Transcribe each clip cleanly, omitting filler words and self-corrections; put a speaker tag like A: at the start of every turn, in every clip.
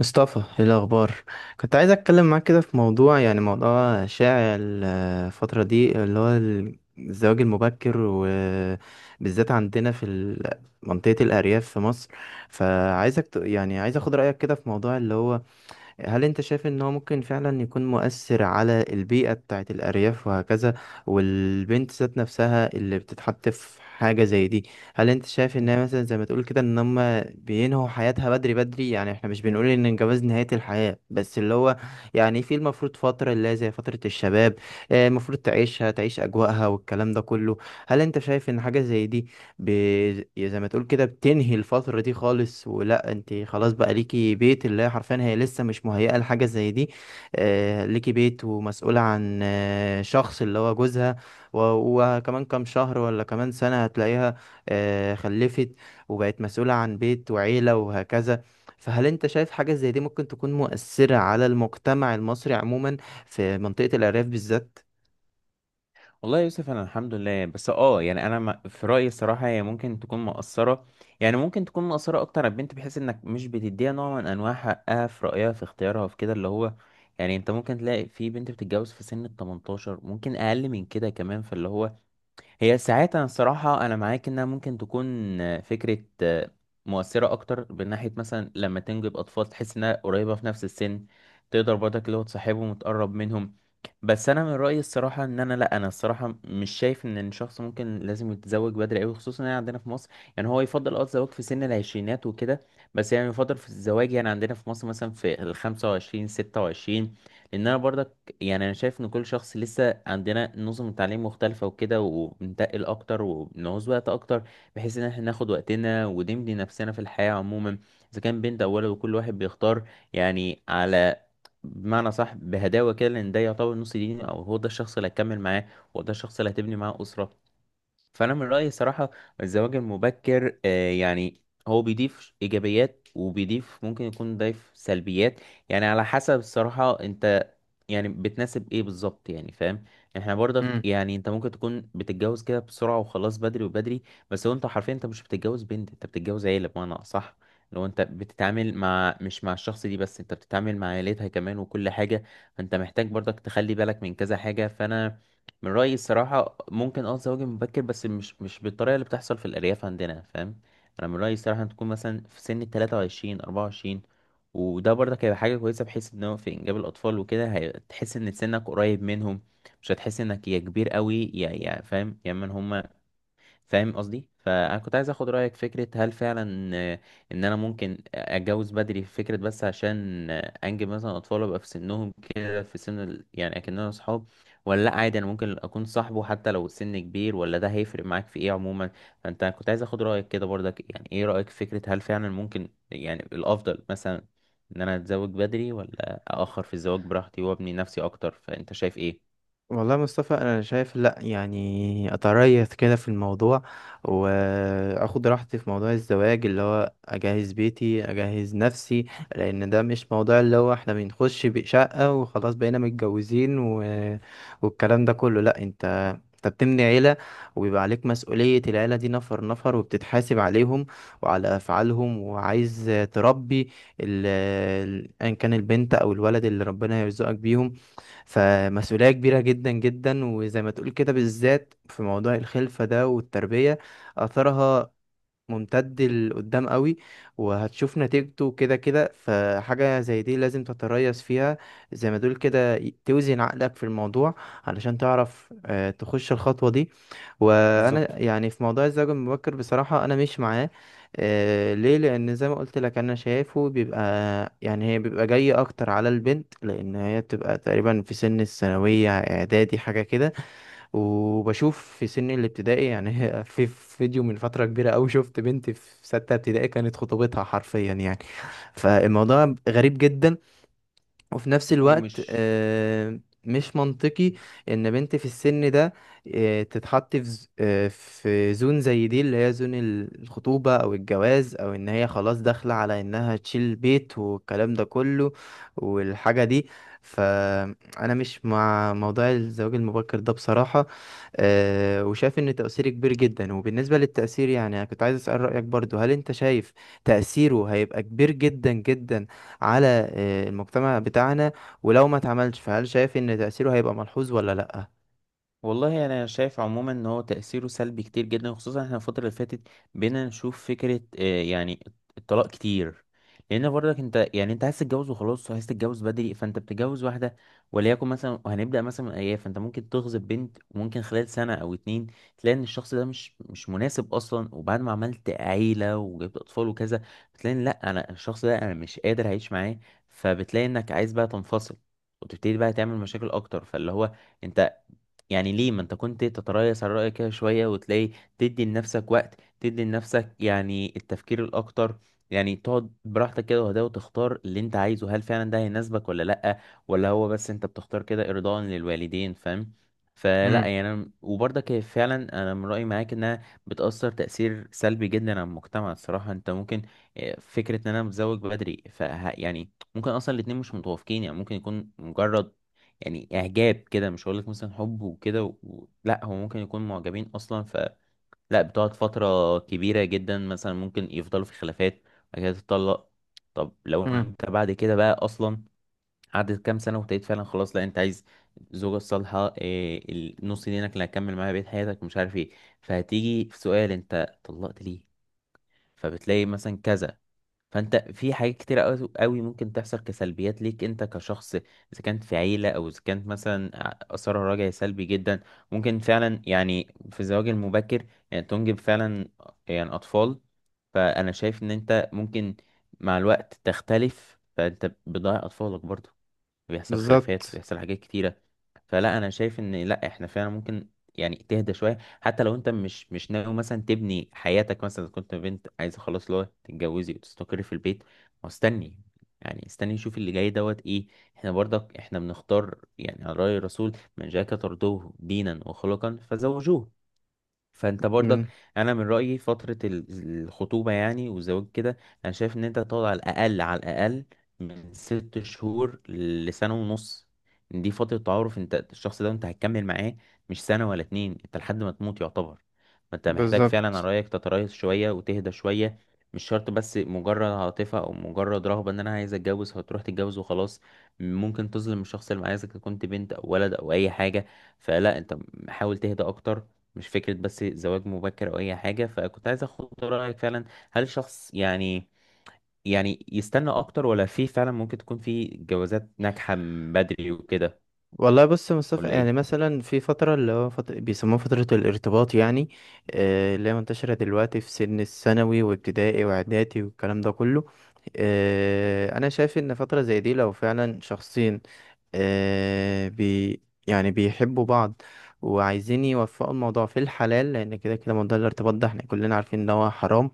A: مصطفى، ايه الاخبار؟ كنت عايز اتكلم معاك كده في موضوع، يعني موضوع شائع الفتره دي اللي هو الزواج المبكر، وبالذات عندنا في منطقه الارياف في مصر. فعايزك يعني عايز اخد رايك كده في موضوع اللي هو هل انت شايف ان هو ممكن فعلا يكون مؤثر على البيئة بتاعت الأرياف وهكذا؟ والبنت ذات نفسها اللي بتتحط في حاجة زي دي، هل انت شايف
B: مم.
A: انها مثلا زي ما تقول كده ان هم بينهوا حياتها بدري بدري؟ يعني احنا مش بنقول ان الجواز نهاية الحياة، بس اللي هو يعني في المفروض فترة اللي هي زي فترة الشباب. المفروض تعيشها، تعيش أجواءها والكلام ده كله. هل انت شايف ان حاجة زي دي ب... زي ما تقول كده بتنهي الفترة دي خالص، ولا انت خلاص بقى ليكي بيت اللي هي حرفيا هي لسه مش مهيئة لحاجة زي دي؟ ليكي بيت ومسؤولة عن شخص اللي هو جوزها. وكمان كام شهر ولا كمان سنة هتلاقيها خلفت وبقت مسؤولة عن بيت وعيلة وهكذا. فهل انت شايف حاجة زي دي ممكن تكون مؤثرة على المجتمع المصري عموما في منطقة الأرياف بالذات؟
B: والله يا يوسف انا الحمد لله. بس انا ما- في رايي الصراحه هي ممكن تكون مقصره. يعني ممكن تكون مقصره اكتر على البنت، بحيث انك مش بتديها نوع من انواع حقها في رايها في اختيارها في كده. اللي هو يعني انت ممكن تلاقي في بنت بتتجوز في سن ال 18، ممكن اقل من كده كمان. فاللي هو هي ساعات انا معاك انها ممكن تكون فكره مؤثره اكتر، من ناحيه مثلا لما تنجب اطفال تحس انها قريبه في نفس السن، تقدر برضك اللي هو تصاحبهم وتقرب منهم. بس انا من رايي الصراحه ان انا لا انا الصراحه مش شايف ان الشخص ممكن لازم يتزوج بدري قوي، خصوصا يعني عندنا في مصر. يعني هو يفضل الزواج في سن العشرينات وكده. بس يعني يفضل في الزواج يعني عندنا في مصر مثلا في ال 25 26. لان انا برضك يعني انا شايف ان كل شخص، لسه عندنا نظم التعليم مختلفه وكده، وبنتقل اكتر وبنعوز وقت اكتر، بحيث ان احنا ناخد وقتنا ونمضي نفسنا في الحياه عموما. اذا كان بنت او ولد، وكل واحد بيختار يعني على بمعنى صح، بهداوه كده، لان ده يعتبر نص ديني. او هو ده الشخص اللي هتكمل معاه، هو ده الشخص اللي هتبني معاه اسره. فانا من رايي صراحه، الزواج المبكر هو بيضيف ايجابيات وبيضيف ممكن يكون ضيف سلبيات. يعني على حسب الصراحه انت يعني بتناسب ايه بالظبط، يعني فاهم. احنا برضك يعني انت ممكن تكون بتتجوز كده بسرعه، وخلاص بدري وبدري. بس هو انت حرفيا انت مش بتتجوز بنت، انت بتتجوز عيله بمعنى صح. لو انت بتتعامل مع مش مع الشخص دي بس، انت بتتعامل مع عيلتها كمان وكل حاجه. فانت محتاج برضك تخلي بالك من كذا حاجه. فانا من رأيي الصراحة ممكن الزواج مبكر، بس مش بالطريقة اللي بتحصل في الأرياف عندنا، فاهم. أنا من رأيي الصراحة تكون مثلا في سن التلاتة وعشرين أربعة وعشرين. وده برضك هيبقى حاجة كويسة، بحيث إن هو في إنجاب الأطفال وكده هتحس إن سنك قريب منهم. مش هتحس إنك يا كبير قوي، يا فاهم، يا من هما. فاهم قصدي. فانا كنت عايز اخد رايك في فكره، هل فعلا ان انا ممكن اتجوز بدري في فكره، بس عشان انجب مثلا اطفال ابقى في سنهم كده، في سن يعني اكننا اصحاب. ولا لا عادي انا ممكن اكون صاحبه حتى لو السن كبير، ولا ده هيفرق معاك في ايه عموما. فانت كنت عايز اخد رايك كده برضك، يعني ايه رايك في فكره، هل فعلا ممكن يعني الافضل مثلا ان انا اتزوج بدري، ولا اخر في الزواج براحتي وابني نفسي اكتر، فانت شايف ايه؟
A: والله يا مصطفى، انا شايف لا، يعني اتريث كده في الموضوع واخد راحتي في موضوع الزواج، اللي هو اجهز بيتي، اجهز نفسي. لان ده مش موضوع اللي هو احنا بنخش بشقة وخلاص بقينا متجوزين والكلام ده كله. لا، انت بتبني عيلة، وبيبقى عليك مسؤولية العيلة دي نفر نفر، وبتتحاسب عليهم وعلى أفعالهم. وعايز تربي ال... أيا كان البنت أو الولد اللي ربنا يرزقك بيهم. فمسؤولية كبيرة جدا جدا، وزي ما تقول كده بالذات في موضوع الخلفة ده والتربية. أثرها ممتد لقدام قوي، وهتشوف نتيجته كده كده. فحاجة زي دي لازم تتريث فيها، زي ما دول كده، توزن عقلك في الموضوع علشان تعرف تخش الخطوة دي. وانا
B: بالظبط.
A: يعني في موضوع الزواج المبكر بصراحة انا مش معاه. ليه؟ لان زي ما قلت لك انا شايفه بيبقى، يعني هي بيبقى جاي اكتر على البنت، لان هي بتبقى تقريبا في سن الثانوية، اعدادي، حاجة كده. وبشوف في سن الابتدائي، يعني في فيديو من فترة كبيرة أوي شفت بنت في 6 ابتدائي كانت خطوبتها حرفيا، يعني فالموضوع غريب جدا، وفي نفس الوقت
B: ومش
A: مش منطقي ان بنت في السن ده تتحط في في زون زي دي اللي هي زون الخطوبة او الجواز، او ان هي خلاص داخلة على انها تشيل بيت والكلام ده كله والحاجة دي. فانا مش مع موضوع الزواج المبكر ده بصراحة. وشايف ان تأثيره كبير جدا. وبالنسبة للتأثير، يعني انا كنت عايز اسأل رأيك برضو، هل انت شايف تأثيره هيبقى كبير جدا جدا على المجتمع بتاعنا؟ ولو ما اتعملش، فهل شايف ان تأثيره هيبقى ملحوظ ولا لأ؟
B: والله يعني انا شايف عموما ان هو تاثيره سلبي كتير جدا، وخصوصا احنا الفتره اللي فاتت بقينا نشوف فكره الطلاق كتير. لان برضك انت يعني انت عايز تتجوز وخلاص، وعايز تتجوز بدري، فانت بتتجوز واحده وليكن مثلا. وهنبدا مثلا من ايام، فانت ممكن تغصب بنت، وممكن خلال سنه او اتنين تلاقي ان الشخص ده مش مناسب اصلا. وبعد ما عملت عيله وجبت اطفال وكذا، بتلاقي إن لا انا الشخص ده انا مش قادر اعيش معاه. فبتلاقي انك عايز بقى تنفصل، وتبتدي بقى تعمل مشاكل اكتر. فاللي هو انت يعني ليه ما انت كنت تتريث على رأيك كده شوية، وتلاقي تدي لنفسك وقت، تدي لنفسك يعني التفكير الأكتر. يعني تقعد براحتك كده وهدا، وتختار اللي انت عايزه، هل فعلا ده هيناسبك ولا لأ، ولا هو بس انت بتختار كده إرضاء للوالدين، فاهم. فلا
A: امم
B: وبرضك هي فعلا انا من رأيي معاك انها بتأثر تأثير سلبي جدا على المجتمع الصراحة. انت ممكن اه، فكرة ان انا متزوج بدري، يعني ممكن اصلا الاتنين مش متوافقين. يعني ممكن يكون مجرد يعني اعجاب كده، مش هقولك مثلا حب وكده لا هو ممكن يكون معجبين اصلا. فلا، بتقعد فتره كبيره جدا مثلا، ممكن يفضلوا في خلافات، بعد كده تتطلق. طب لو
A: امم.
B: انت بعد كده بقى اصلا قعدت كام سنه، وابتديت فعلا خلاص لا انت عايز الزوجه الصالحه إيه، النص دينك اللي هتكمل معاها بقية حياتك مش عارف ايه. فهتيجي في سؤال انت طلقت ليه، فبتلاقي مثلا كذا. فانت في حاجات كتير قوي قوي ممكن تحصل كسلبيات ليك انت كشخص، اذا كانت في عيله او اذا كانت مثلا اثرها راجعي سلبي جدا. ممكن فعلا يعني في الزواج المبكر يعني تنجب فعلا يعني اطفال، فانا شايف ان انت ممكن مع الوقت تختلف، فانت بتضيع اطفالك برضه، وبيحصل خلافات
A: بالظبط.
B: وبيحصل حاجات كتيرة. فلا انا شايف ان لا احنا فعلا ممكن يعني تهدى شوية. حتى لو انت مش ناوي مثلا تبني حياتك، مثلا إذا كنت بنت عايزة خلاص اللي هو تتجوزي وتستقري في البيت، ما استني يعني استني شوف اللي جاي دوت ايه. احنا برضك احنا بنختار، يعني على رأي الرسول، من جاءك ترضوه دينا وخلقا فزوجوه. فانت برضك
A: من
B: انا من رايي فتره الخطوبه يعني والزواج كده، انا شايف ان انت تقعد على الاقل على الاقل من ست شهور لسنه ونص. دي فتره تعارف انت الشخص ده انت هتكمل معاه، مش سنه ولا اتنين، انت لحد ما تموت يعتبر. فانت محتاج فعلا على
A: بالظبط.
B: رايك تتريث شويه وتهدى شويه. مش شرط بس مجرد عاطفه، او مجرد رغبه ان انا عايز اتجوز فتروح تتجوز وخلاص، ممكن تظلم الشخص اللي معاك اذا كنت بنت او ولد او اي حاجه. فلا انت حاول تهدى اكتر، مش فكرة بس زواج مبكر أو أي حاجة. فكنت عايز أخد رأيك فعلا، هل شخص يعني يعني يستنى أكتر، ولا في فعلا ممكن تكون في جوازات ناجحة من بدري وكده،
A: والله بص يا مصطفى،
B: ولا
A: يعني
B: إيه؟
A: مثلا في فترة اللي هو فترة بيسموها فترة الارتباط، يعني اللي هي منتشرة دلوقتي في سن الثانوي وابتدائي واعدادي والكلام ده كله. أنا شايف إن فترة زي دي لو فعلا شخصين آه، بي يعني بيحبوا بعض وعايزين يوفقوا الموضوع في الحلال، لأن كده كده موضوع الارتباط ده احنا كلنا عارفين إن هو حرام،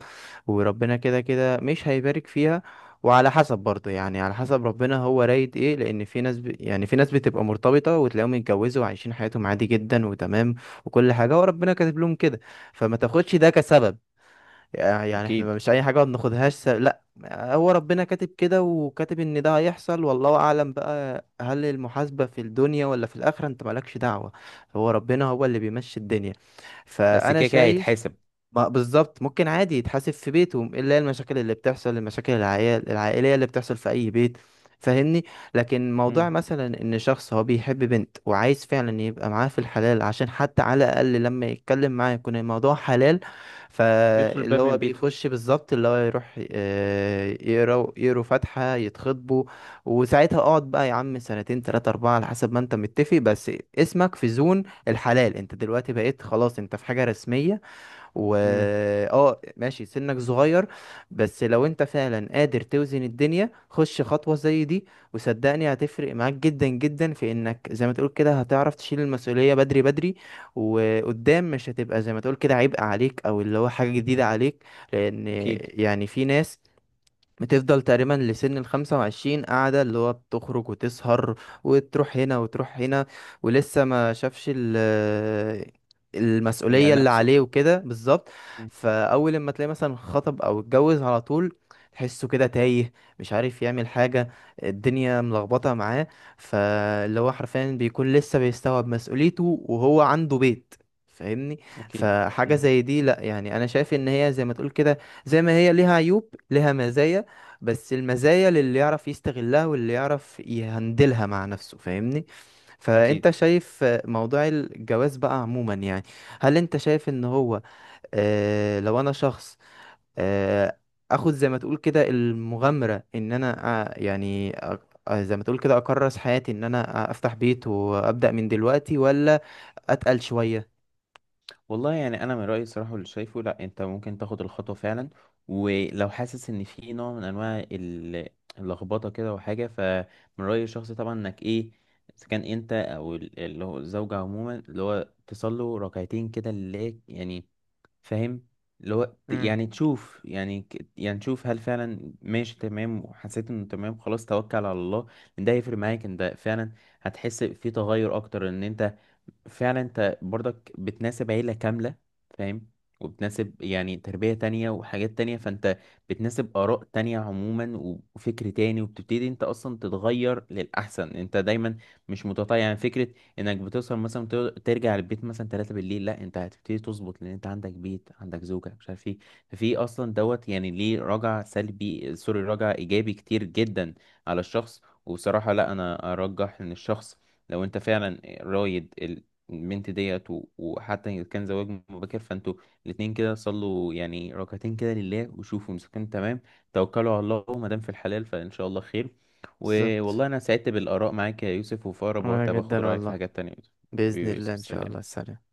A: وربنا كده كده مش هيبارك فيها. وعلى حسب برضه، يعني على حسب ربنا هو رايد ايه، لان في ناس يعني في ناس بتبقى مرتبطه وتلاقيهم يتجوزوا وعايشين حياتهم عادي جدا وتمام وكل حاجه، وربنا كاتب لهم كده. فما تاخدش ده كسبب، يعني احنا
B: أكيد.
A: مش اي حاجه ما بناخدهاش لا، هو ربنا كاتب كده وكاتب ان ده هيحصل، والله اعلم بقى هل المحاسبه في الدنيا ولا في الاخره، انت مالكش دعوه، هو ربنا هو اللي بيمشي الدنيا.
B: بس
A: فانا
B: كده كده
A: شايف
B: هيتحاسب.
A: ما بالظبط، ممكن عادي يتحاسب في بيته، الا هي المشاكل اللي بتحصل، المشاكل العيال العائليه اللي بتحصل في اي بيت، فاهمني. لكن موضوع
B: مم.
A: مثلا ان شخص هو بيحب بنت وعايز فعلا يبقى معاها في الحلال، عشان حتى على الاقل لما يتكلم معاه يكون الموضوع حلال،
B: يدخل
A: فاللي
B: الباب
A: هو
B: من بيته.
A: بيخش بالظبط اللي هو يروح آه، يقرا يقروا فاتحه، يتخطبوا. وساعتها اقعد بقى يا عم سنتين تلاتة اربعة على حسب ما انت متفق، بس اسمك في زون الحلال، انت دلوقتي بقيت خلاص انت في حاجه رسميه. و
B: مم.
A: اه ماشي سنك صغير، بس لو انت فعلا قادر توزن الدنيا، خش خطوة زي دي وصدقني هتفرق معاك جدا جدا، في انك زي ما تقول كده هتعرف تشيل المسؤولية بدري بدري، وقدام مش هتبقى زي ما تقول كده عبء عليك او اللي هو حاجة جديدة عليك. لان
B: أكيد.
A: يعني في ناس بتفضل تقريبا لسن ال25 قاعدة، اللي هو بتخرج وتسهر، وتروح هنا وتروح هنا، ولسه ما شافش المسؤولية
B: يعني
A: اللي
B: نفسه.
A: عليه وكده. بالظبط.
B: مم.
A: فأول لما تلاقي مثلا خطب أو اتجوز على طول، تحسه كده تايه، مش عارف يعمل حاجة، الدنيا ملخبطة معاه، فاللي هو حرفيا بيكون لسه بيستوعب مسؤوليته وهو عنده بيت، فاهمني.
B: أكيد.
A: فحاجة
B: مم.
A: زي دي لا، يعني انا شايف ان هي زي ما تقول كده، زي ما هي ليها عيوب ليها مزايا، بس المزايا للي يعرف يستغلها واللي يعرف يهندلها مع نفسه، فاهمني. فانت
B: أكيد.
A: شايف موضوع الجواز بقى عموما، يعني هل انت شايف ان هو لو انا شخص آه اخد زي ما تقول كده المغامرة ان انا آه يعني أ- زي ما تقول كده اكرس حياتي ان انا افتح بيت وابدأ من دلوقتي، ولا اتقل شوية؟
B: والله يعني انا من رايي الصراحه واللي شايفه، لا انت ممكن تاخد الخطوه فعلا. ولو حاسس ان في نوع من انواع اللخبطه كده وحاجه، فمن رايي الشخصي طبعا انك ايه، اذا كان انت او اللي هو الزوجه عموما، اللي هو تصلوا ركعتين كده لله يعني، فاهم.
A: امم.
B: يعني تشوف يعني تشوف هل فعلا ماشي تمام، وحسيت انه تمام خلاص توكل على الله. ان ده هيفرق معاك، ان ده فعلا هتحس في تغير اكتر. ان انت فعلا انت برضك بتناسب عيلة كاملة، فاهم. وبتناسب يعني تربية تانية وحاجات تانية، فانت بتناسب آراء تانية عموما وفكر تاني، وبتبتدي انت اصلا تتغير للأحسن. انت دايما مش متطيع يعني فكرة انك بتوصل مثلا ترجع البيت مثلا 3 بالليل، لا انت هتبتدي تظبط، لان انت عندك بيت عندك زوجة مش عارف ايه. ففي اصلا دوت يعني ليه رجع سلبي، سوري رجع ايجابي كتير جدا على الشخص. وبصراحة لا انا ارجح ان الشخص لو انت فعلا رايد البنت ديت، وحتى إن كان زواج مبكر، فانتوا الاتنين كده صلوا يعني ركعتين كده لله، وشوفوا مسكن تمام، توكلوا على الله، وما دام في الحلال فان شاء الله خير.
A: بالظبط.
B: ووالله انا سعدت بالاراء معاك يا يوسف، وفي اقرب
A: وانا
B: وقت باخد
A: جدا
B: رايك في
A: والله.
B: حاجات تانية يا يوسف.
A: بإذن
B: حبيبي يا
A: الله،
B: يوسف،
A: ان شاء
B: سلام.
A: الله. سلام.